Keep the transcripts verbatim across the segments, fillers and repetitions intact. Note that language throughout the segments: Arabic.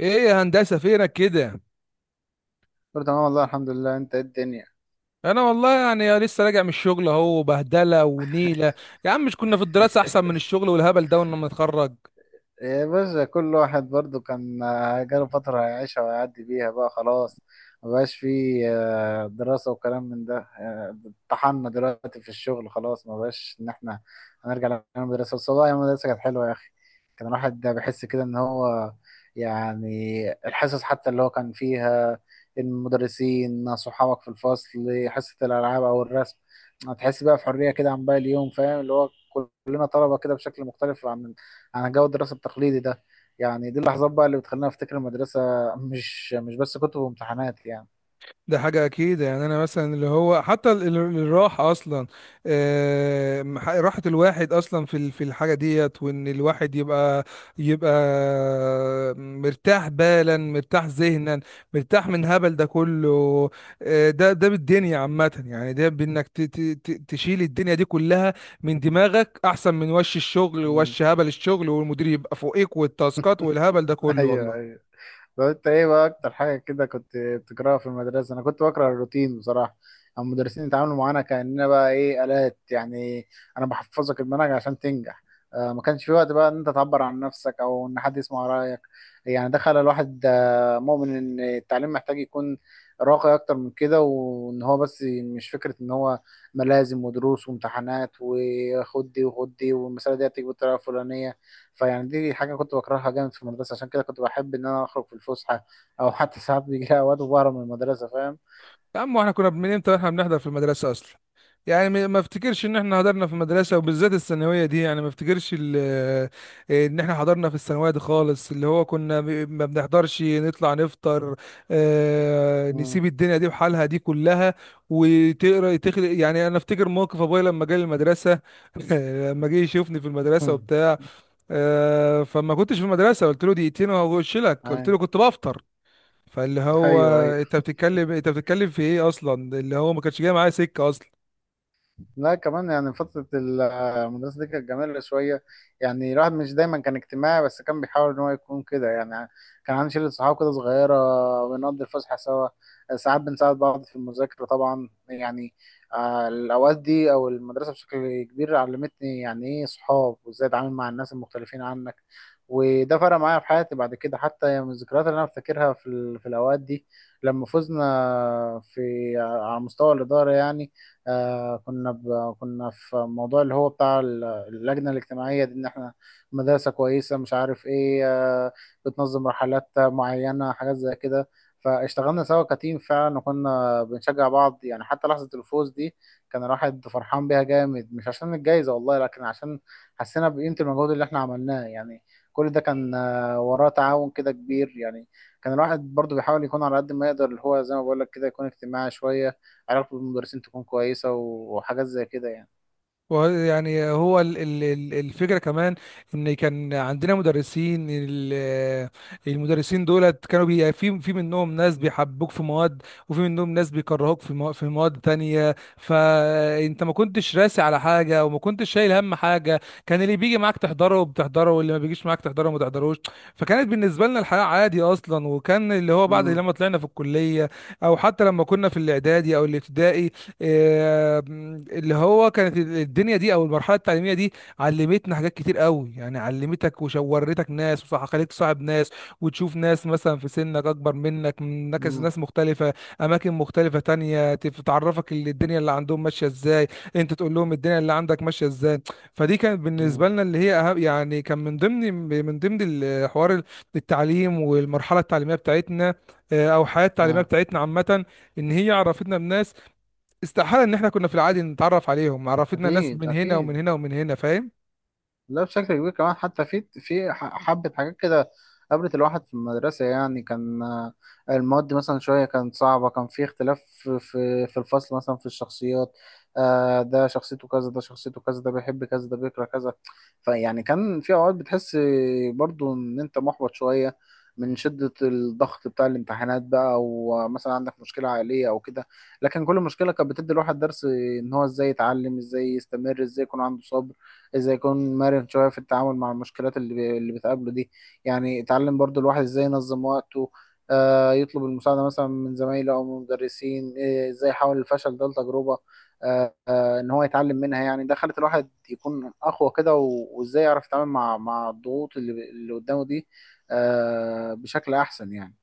ايه يا هندسه فينك كده؟ كله تمام، والله الحمد لله. انت ايه الدنيا؟ انا والله يعني لسه راجع من الشغل اهو بهدله ونيله. يا عم مش كنا في الدراسه احسن من الشغل والهبل ده ولما نتخرج؟ يا باشا، كل واحد برضو كان آه، جاله فترة هيعيشها ويعدي بيها بقى خلاص. مبقاش فيه آه، دراسة وكلام من ده آه، طحنا دلوقتي في الشغل خلاص، مبقاش إن إحنا هنرجع للمدرسة. بس والله، أيام المدرسة كانت حلوة يا أخي. كان الواحد ده بيحس كده إن هو، يعني، الحصص حتى اللي هو كان فيها، المدرسين صحابك في الفصل، حصة الألعاب أو الرسم، هتحس بقى في حرية كده عن باقي اليوم. فاهم اللي هو كلنا طلبة كده، بشكل مختلف عن عن جو الدراسة التقليدي ده. يعني دي اللحظات بقى اللي بتخليني افتكر المدرسة، مش مش بس كتب وامتحانات يعني. ده حاجة أكيد، يعني أنا مثلا اللي هو حتى ال- ال- الراحة أصلا، آه، ح- راحة الواحد أصلا في ال- في الحاجة ديت، وإن الواحد يبقى يبقى مرتاح بالا، مرتاح ذهنا، مرتاح من هبل ده كله. آه، ده ده بالدنيا عامة، يعني ده بإنك ت- ت- ت- تشيل الدنيا دي كلها من دماغك أحسن من وش الشغل مم. ووش هبل الشغل والمدير يبقى فوقيك والتاسكات والهبل ده كله ايوه، والله. ايوه. طب انت ايه بقى اكتر حاجه كده كنت بتكرهها في المدرسه؟ انا كنت بكره الروتين بصراحه. أما المدرسين يتعاملوا معانا كاننا بقى ايه، الات يعني. انا بحفظك المنهج عشان تنجح. آه ما كانش في وقت بقى ان انت تعبر عن نفسك، او ان حد يسمع رايك. يعني ده خلى الواحد آه، مؤمن ان التعليم محتاج يكون راقي اكتر من كده، وان هو بس مش فكره ان هو ملازم ودروس وامتحانات وخد دي وخد دي، والمساله دي هتيجي بالطريقه الفلانيه. فيعني دي حاجة كنت بكرهها جامد في المدرسة. عشان كده كنت بحب إن أنا أخرج في الفسحة، أو حتى ساعات بيجي لي أوقات وبهرب من المدرسة. فاهم؟ يا عم، واحنا كنا من امتى احنا بنحضر في المدرسه اصلا؟ يعني ما ما افتكرش ان احنا حضرنا في المدرسه، وبالذات الثانويه دي، يعني ما افتكرش ال- آه، ان احنا حضرنا في الثانويه دي خالص. اللي هو كنا ب- ما بنحضرش، نطلع نفطر، آه، مم. نسيب الدنيا دي بحالها دي كلها وتقرا تخلق. يعني انا افتكر موقف ابويا لما جه المدرسه لما جه يشوفني في المدرسه مم. وبتاع، آه، فما كنتش في المدرسه، قلت له دقيقتين وهخش لك، قلت أي- له كنت بفطر. فاللي هو أيوه، أيوه. انت بتتكلم انت بتتكلم في ايه اصلا؟ اللي هو ما كانش جاي معايا سكه اصلا. لا كمان، يعني فترة المدرسة دي كانت جميلة شوية. يعني الواحد مش دايما كان اجتماعي، بس كان بيحاول إن هو يكون كده يعني. كان عندي شلة صحاب كده صغيرة، بنقضي الفسحة سوا، ساعات بنساعد بعض في المذاكرة طبعا يعني. آه، الأوقات دي أو المدرسة بشكل كبير علمتني يعني إيه صحاب، وإزاي أتعامل مع الناس المختلفين عنك. وده فرق معايا في حياتي بعد كده، حتى يعني من الذكريات اللي أنا بفتكرها في ال- في الأوقات دي لما فزنا في آه، على مستوى الإدارة يعني. آه كنا ب... كنا في موضوع اللي هو بتاع ال- اللجنة الاجتماعية دي، ان احنا مدرسة كويسة مش عارف ايه آه بتنظم رحلات معينة، حاجات زي كده. فاشتغلنا سوا كتيم فعلا، وكنا بنشجع بعض يعني. حتى لحظة الفوز دي كان الواحد فرحان بيها جامد، مش عشان الجايزة والله، لكن عشان حسينا بقيمة المجهود اللي احنا عملناه يعني. كل ده كان آه، وراه تعاون كده كبير يعني. كان الواحد برضو بيحاول يكون على قد ما يقدر، اللي هو زي ما بقول لك كده يكون اجتماعي شوية، علاقته بالمدرسين تكون كويسة، وحاجات زي كده يعني. ويعني هو ال- ال- ال- الفكرة كمان ان كان عندنا مدرسين ال- المدرسين دولت كانوا بي، يعني في في منهم ناس بيحبوك في مواد، وفي منهم ناس بيكرهوك في مو- في مواد تانية. فانت ما كنتش راسي على حاجة وما كنتش شايل هم حاجة، كان اللي بيجي معاك تحضره بتحضره واللي ما بيجيش معاك تحضره ما تحضروش. فكانت بالنسبة لنا الحياة عادي اصلا، وكان اللي هو بعد امم، لما طلعنا في الكلية، او حتى لما كنا في الاعدادي او الابتدائي، آه، اللي هو كانت الدنيا دي او المرحله التعليميه دي علمتنا حاجات كتير قوي، يعني علمتك وشورتك ناس وخليك صاحب ناس، وتشوف ناس مثلا في سنك اكبر منك، من نكس- امم، ناس مختلفه، اماكن مختلفه تانية، تف- تعرفك اللي الدنيا اللي عندهم ماشيه ازاي، انت تقول لهم الدنيا اللي عندك ماشيه ازاي. فدي كانت بالنسبه امم، لنا اللي هي أهم، يعني كان من ضمن من ضمن الحوار، التعليم والمرحله التعليميه بتاعتنا، آه، او الحياه التعليميه اه. بتاعتنا عامه، ان هي عرفتنا بناس استحالة ان احنا كنا في العادي نتعرف عليهم، عرفتنا ناس اكيد، من هنا ومن اكيد. هنا ومن هنا، فاهم؟ لا بشكل كبير كمان، حتى في في ح- حبة حاجات كده. قابلت الواحد في المدرسة يعني كان آه، المواد مثلا شوية كانت صعبة. كان في اختلاف في في في الفصل مثلا في الشخصيات. آه، ده شخصيته كذا، ده شخصيته كذا، ده بيحب كذا، ده بيكره كذا. فيعني كان في أوقات بتحس برضو إن أنت محبط شوية من شدة الضغط بتاع الامتحانات بقى، أو مثلا عندك مشكلة عائلية أو كده. لكن كل مشكلة كانت بتدي الواحد درس، إن هو إزاي يتعلم، إزاي يستمر، إزاي يكون عنده صبر، ازاي يكون مرن شويه في التعامل مع المشكلات اللي بي- اللي بتقابله دي. يعني اتعلم برضو الواحد ازاي ينظم وقته، آه يطلب المساعده مثلا من زمايله او من مدرسين، آه، ازاي يحول الفشل ده لتجربه، آه آه ان هو يتعلم منها. يعني ده خلت الواحد يكون اقوى كده، و- وازاي يعرف يتعامل مع مع الضغوط اللي اللي قدامه دي، آه بشكل احسن يعني.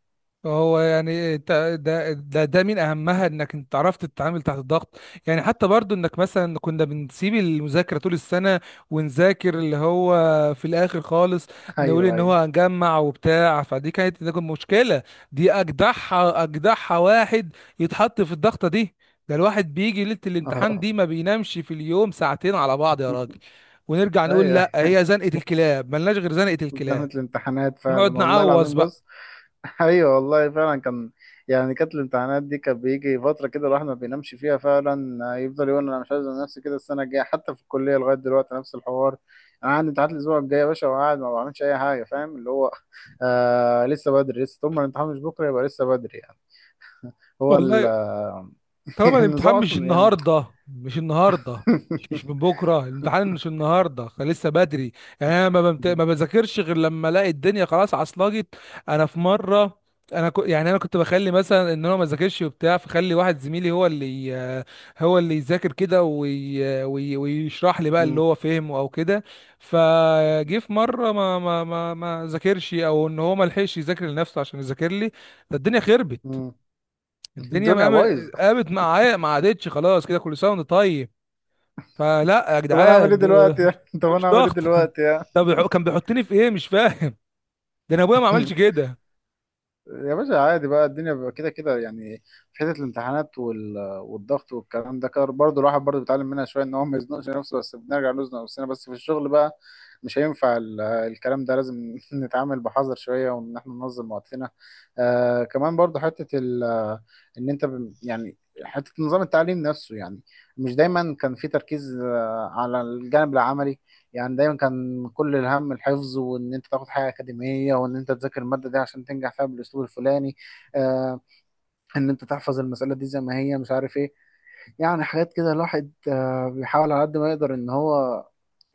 هو يعني انت ده ده ده من اهمها انك انت عرفت تتعامل تحت الضغط. يعني حتى برضو انك مثلا كنا بنسيب المذاكره طول السنه ونذاكر اللي هو في الاخر خالص، نقول ايوه، ان هو ايوه. هنجمع وبتاع. فدي كانت، ده كانت مشكله، دي اجدعها، اجدعها واحد يتحط في الضغطه دي. ده الواحد بيجي ليله الامتحان دي ما بينامش في اليوم ساعتين على بعض يا راجل. ونرجع نقول ايوه، لا هي زنقه الكلاب، ملناش غير زنقه زنقة الكلاب. الامتحانات فعلا ونقعد والله نعوز العظيم. بقى. بص، ايوه والله فعلا كان، يعني كانت الامتحانات دي كان بيجي فتره كده الواحد ما بينامش فيها فعلا. يفضل يقول انا مش عايز أنام، نفسي كده السنه الجايه. حتى في الكليه لغايه دلوقتي نفس الحوار، انا عندي امتحانات الاسبوع الجاي يا باشا وقاعد ما بعملش اي حاجه. فاهم اللي هو، آه لسه بدري، لسه طول ما الامتحان مش بكره يبقى لسه بدري يعني. هو ال- والله طبعا النظام الامتحان مش اصلا يعني. النهارده، مش النهارده مش مش من بكره، الامتحان مش النهارده، خ- لسه بدري. يعني انا ما بمت... ما بذاكرش غير لما الاقي الدنيا خلاص عصلجت. انا في مره، انا ك... يعني انا كنت بخلي مثلا ان انا ما ذاكرش وبتاع، فخلي واحد زميلي هو اللي ي- هو اللي يذاكر كده وي... وي... ويشرح لي بقى اللي مم. هو فهمه او كده. فجه في مره ما ما ما ما ذاكرش، او ان هو ما لحقش يذاكر لنفسه عشان يذاكر لي. ده الدنيا خربت، مم. الدنيا الدنيا مقام- بايظه. قامت معايا، ما عادتش خلاص، كده كل سنه وانت طيب. فلا يا طب انا اعمل ايه جدعان، ده دلوقتي؟ ده طب انا مش اعمل ايه ضغط؟ دلوقتي يعني؟ طب كان بيحطني في ايه مش فاهم؟ ده انا ابويا ما عملش كده. يا باشا عادي بقى، الدنيا بيبقى كده كده يعني. في حته الامتحانات وال... والضغط والكلام ده كده برضه، الواحد برضه بيتعلم منها شويه ان هو ما يزنقش نفسه. بس بنرجع نزنق نفسنا بس في الشغل بقى. مش هينفع ال... الكلام ده. لازم نتعامل بحذر شويه، وان احنا ننظم وقتنا. آه كمان برضه حته ال... ان انت ب... يعني حته نظام التعليم نفسه يعني. مش دايما كان في تركيز آه على الجانب العملي. يعني دايما كان كل الهم الحفظ، وان انت تاخد حاجه اكاديميه، وان انت تذاكر الماده دي عشان تنجح فيها بالاسلوب الفلاني. آه ان انت تحفظ المساله دي زي ما هي مش عارف ايه. يعني حاجات كده الواحد آه، بيحاول على قد ما يقدر ان هو،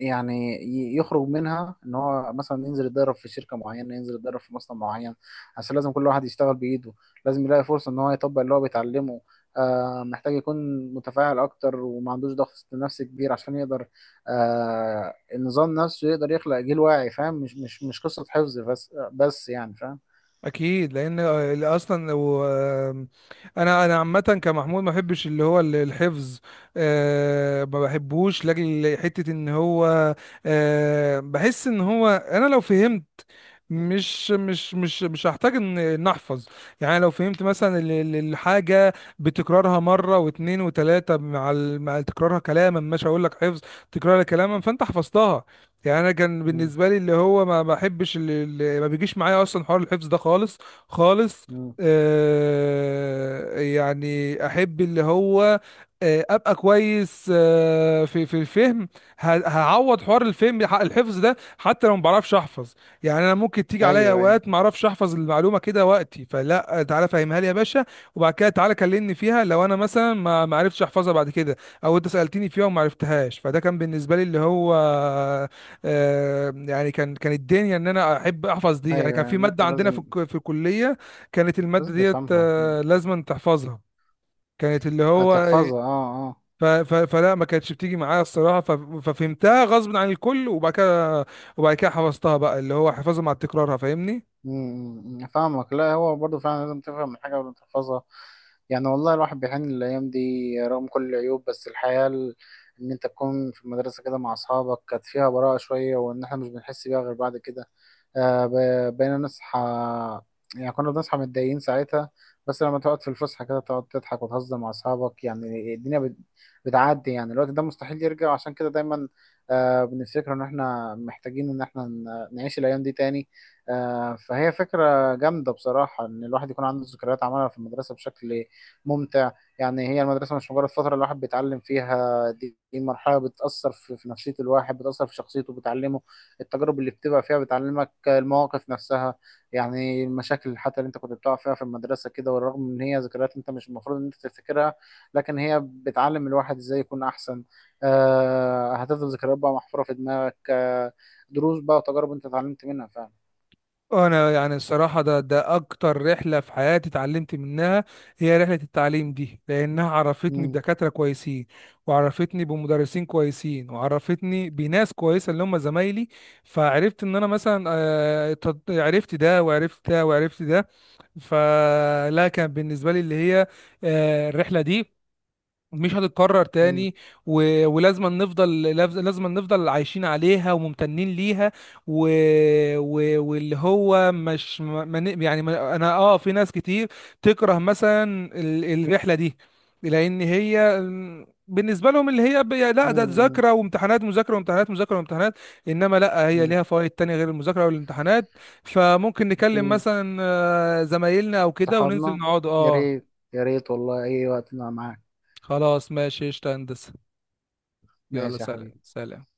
يعني، ي- يخرج منها. ان هو مثلا ينزل يتدرب في شركة معينة، ينزل يتدرب في مصنع معين، عشان لازم كل واحد يشتغل بإيده. لازم يلاقي فرصة ان هو يطبق اللي هو بيتعلمه. آه، محتاج يكون متفاعل اكتر، وما عندوش ضغط نفسي كبير، عشان يقدر آه، النظام نفسه يقدر يخلق جيل واعي فاهم. مش مش مش قصة حفظ بس بس يعني فاهم. اكيد، لان اصلا لو، انا انا عامه كمحمود ما بحبش اللي هو الحفظ، أه ما بحبوش لاجل حته ان هو، أه بحس ان هو انا لو فهمت مش مش مش مش هحتاج ان إن احفظ. يعني لو فهمت مثلا ال- ال- الحاجه بتكرارها مره واتنين وتلاته، مع ال- مع تكرارها كلاما، مش هقول لك حفظ، تكرارها كلاما فانت حفظتها. يعني انا كان مم. بالنسبه لي اللي هو ما بحبش اللي اللي ما بيجيش معايا اصلا حوار الحفظ ده خالص، خالص. مم. آه يعني احب اللي هو، آه ابقى كويس آه في في الفهم. ه- هعوض حوار الفهم، ح- الحفظ ده حتى لو ما بعرفش احفظ. يعني انا ممكن تيجي عليا ايوه، ايوه، اوقات ما اعرفش احفظ المعلومه كده وقتي، فلا تعالى فهمها لي يا باشا، وبعد كده تعالى كلمني فيها لو انا مثلا ما ما عرفتش احفظها بعد كده، او انت سالتني فيها وما عرفتهاش. فده كان بالنسبه لي اللي هو، آه، يعني كان كان الدنيا ان انا احب احفظ دي. يعني ايوه. كان في يعني انت ماده عندنا في لازم، الك- في الكليه، كانت الماده لازم ديت تفهمها اكيد آه، لازم تحفظها، كانت اللي هو، هتحفظها، اه، اه. ف- ف- فلا ما كانتش بتيجي معايا الصراحه، ف- ففهمتها غصب عن الكل، وبعد كده وبعد كده حفظتها بقى، اللي هو حفظها مع تكرارها، فاهمني؟ أمم، فاهمك. لا هو برضه فعلا لازم تفهم الحاجة قبل ما تحفظها. يعني والله الواحد بيحن للأيام دي، رغم كل العيوب. بس الحياة ال- إن أنت تكون في المدرسة كده مع أصحابك كانت فيها براءة شوية، وإن إحنا مش بنحس بيها غير بعد كده. آه، ب- بقينا نصحى. يعني كنا بنصحى متضايقين ساعتها، بس لما تقعد في الفسحة كده تقعد تضحك وتهزر مع أصحابك يعني الدنيا بت- بتعدي يعني. الوقت ده مستحيل يرجع، عشان كده دايما آه، بنفتكر إن إحنا محتاجين إن إحنا ن- نعيش الأيام دي تاني. آه، فهي فكرة جامدة بصراحة إن الواحد يكون عنده ذكريات عملها في المدرسة بشكل ممتع. يعني هي المدرسة مش مجرد فترة الواحد بيتعلم فيها، دي دي مرحلة بتأثر في في نفسية الواحد، بتأثر في شخصيته، بتعلمه. التجارب اللي بتبقى فيها بتعلمك المواقف نفسها. يعني المشاكل حتى اللي انت كنت بتقع فيها في المدرسة كده، والرغم من هي ذكريات انت مش المفروض ان انت تفتكرها، لكن هي بتعلم الواحد ازاي يكون احسن. آه هتفضل ذكريات بقى محفورة في دماغك آه دروس بقى وتجارب انت اتعلمت منها فعلا. انا يعني الصراحه ده ده اكتر رحله في حياتي اتعلمت منها، هي رحله التعليم دي، لانها عرفتني مم. بدكاتره كويسين، وعرفتني بمدرسين كويسين، وعرفتني بناس كويسه اللي هم زمايلي. فعرفت ان انا مثلا آه، تط- عرفت ده وعرفت ده وعرفت ده. فلا كان بالنسبه لي اللي هي آه، الرحله دي مش هتتكرر مم. تاني. و... ولازم نفضل، لاز- لازم نفضل عايشين عليها وممتنين ليها. و... و... واللي هو مش ما... ما ن- يعني ما... انا اه في ناس كتير تكره مثلا ال... الرحلة دي، لان هي م، بالنسبة لهم اللي هي ب... لا ده مم. ذاكرة وامتحانات، مذاكرة وامتحانات، مذاكرة وامتحانات. انما لا، هي مم. ليها فوائد تانية غير المذاكرة والامتحانات. فممكن نكلم اكيد. مثلا آه، زمايلنا او كده وننزل صحابنا. نقعد يا اه. ريت. يا ريت والله، اي وقت انا معاك. خلاص ماشي قشطة يا هندسة، يلا ماشي يا سلام حبيبي. سلام.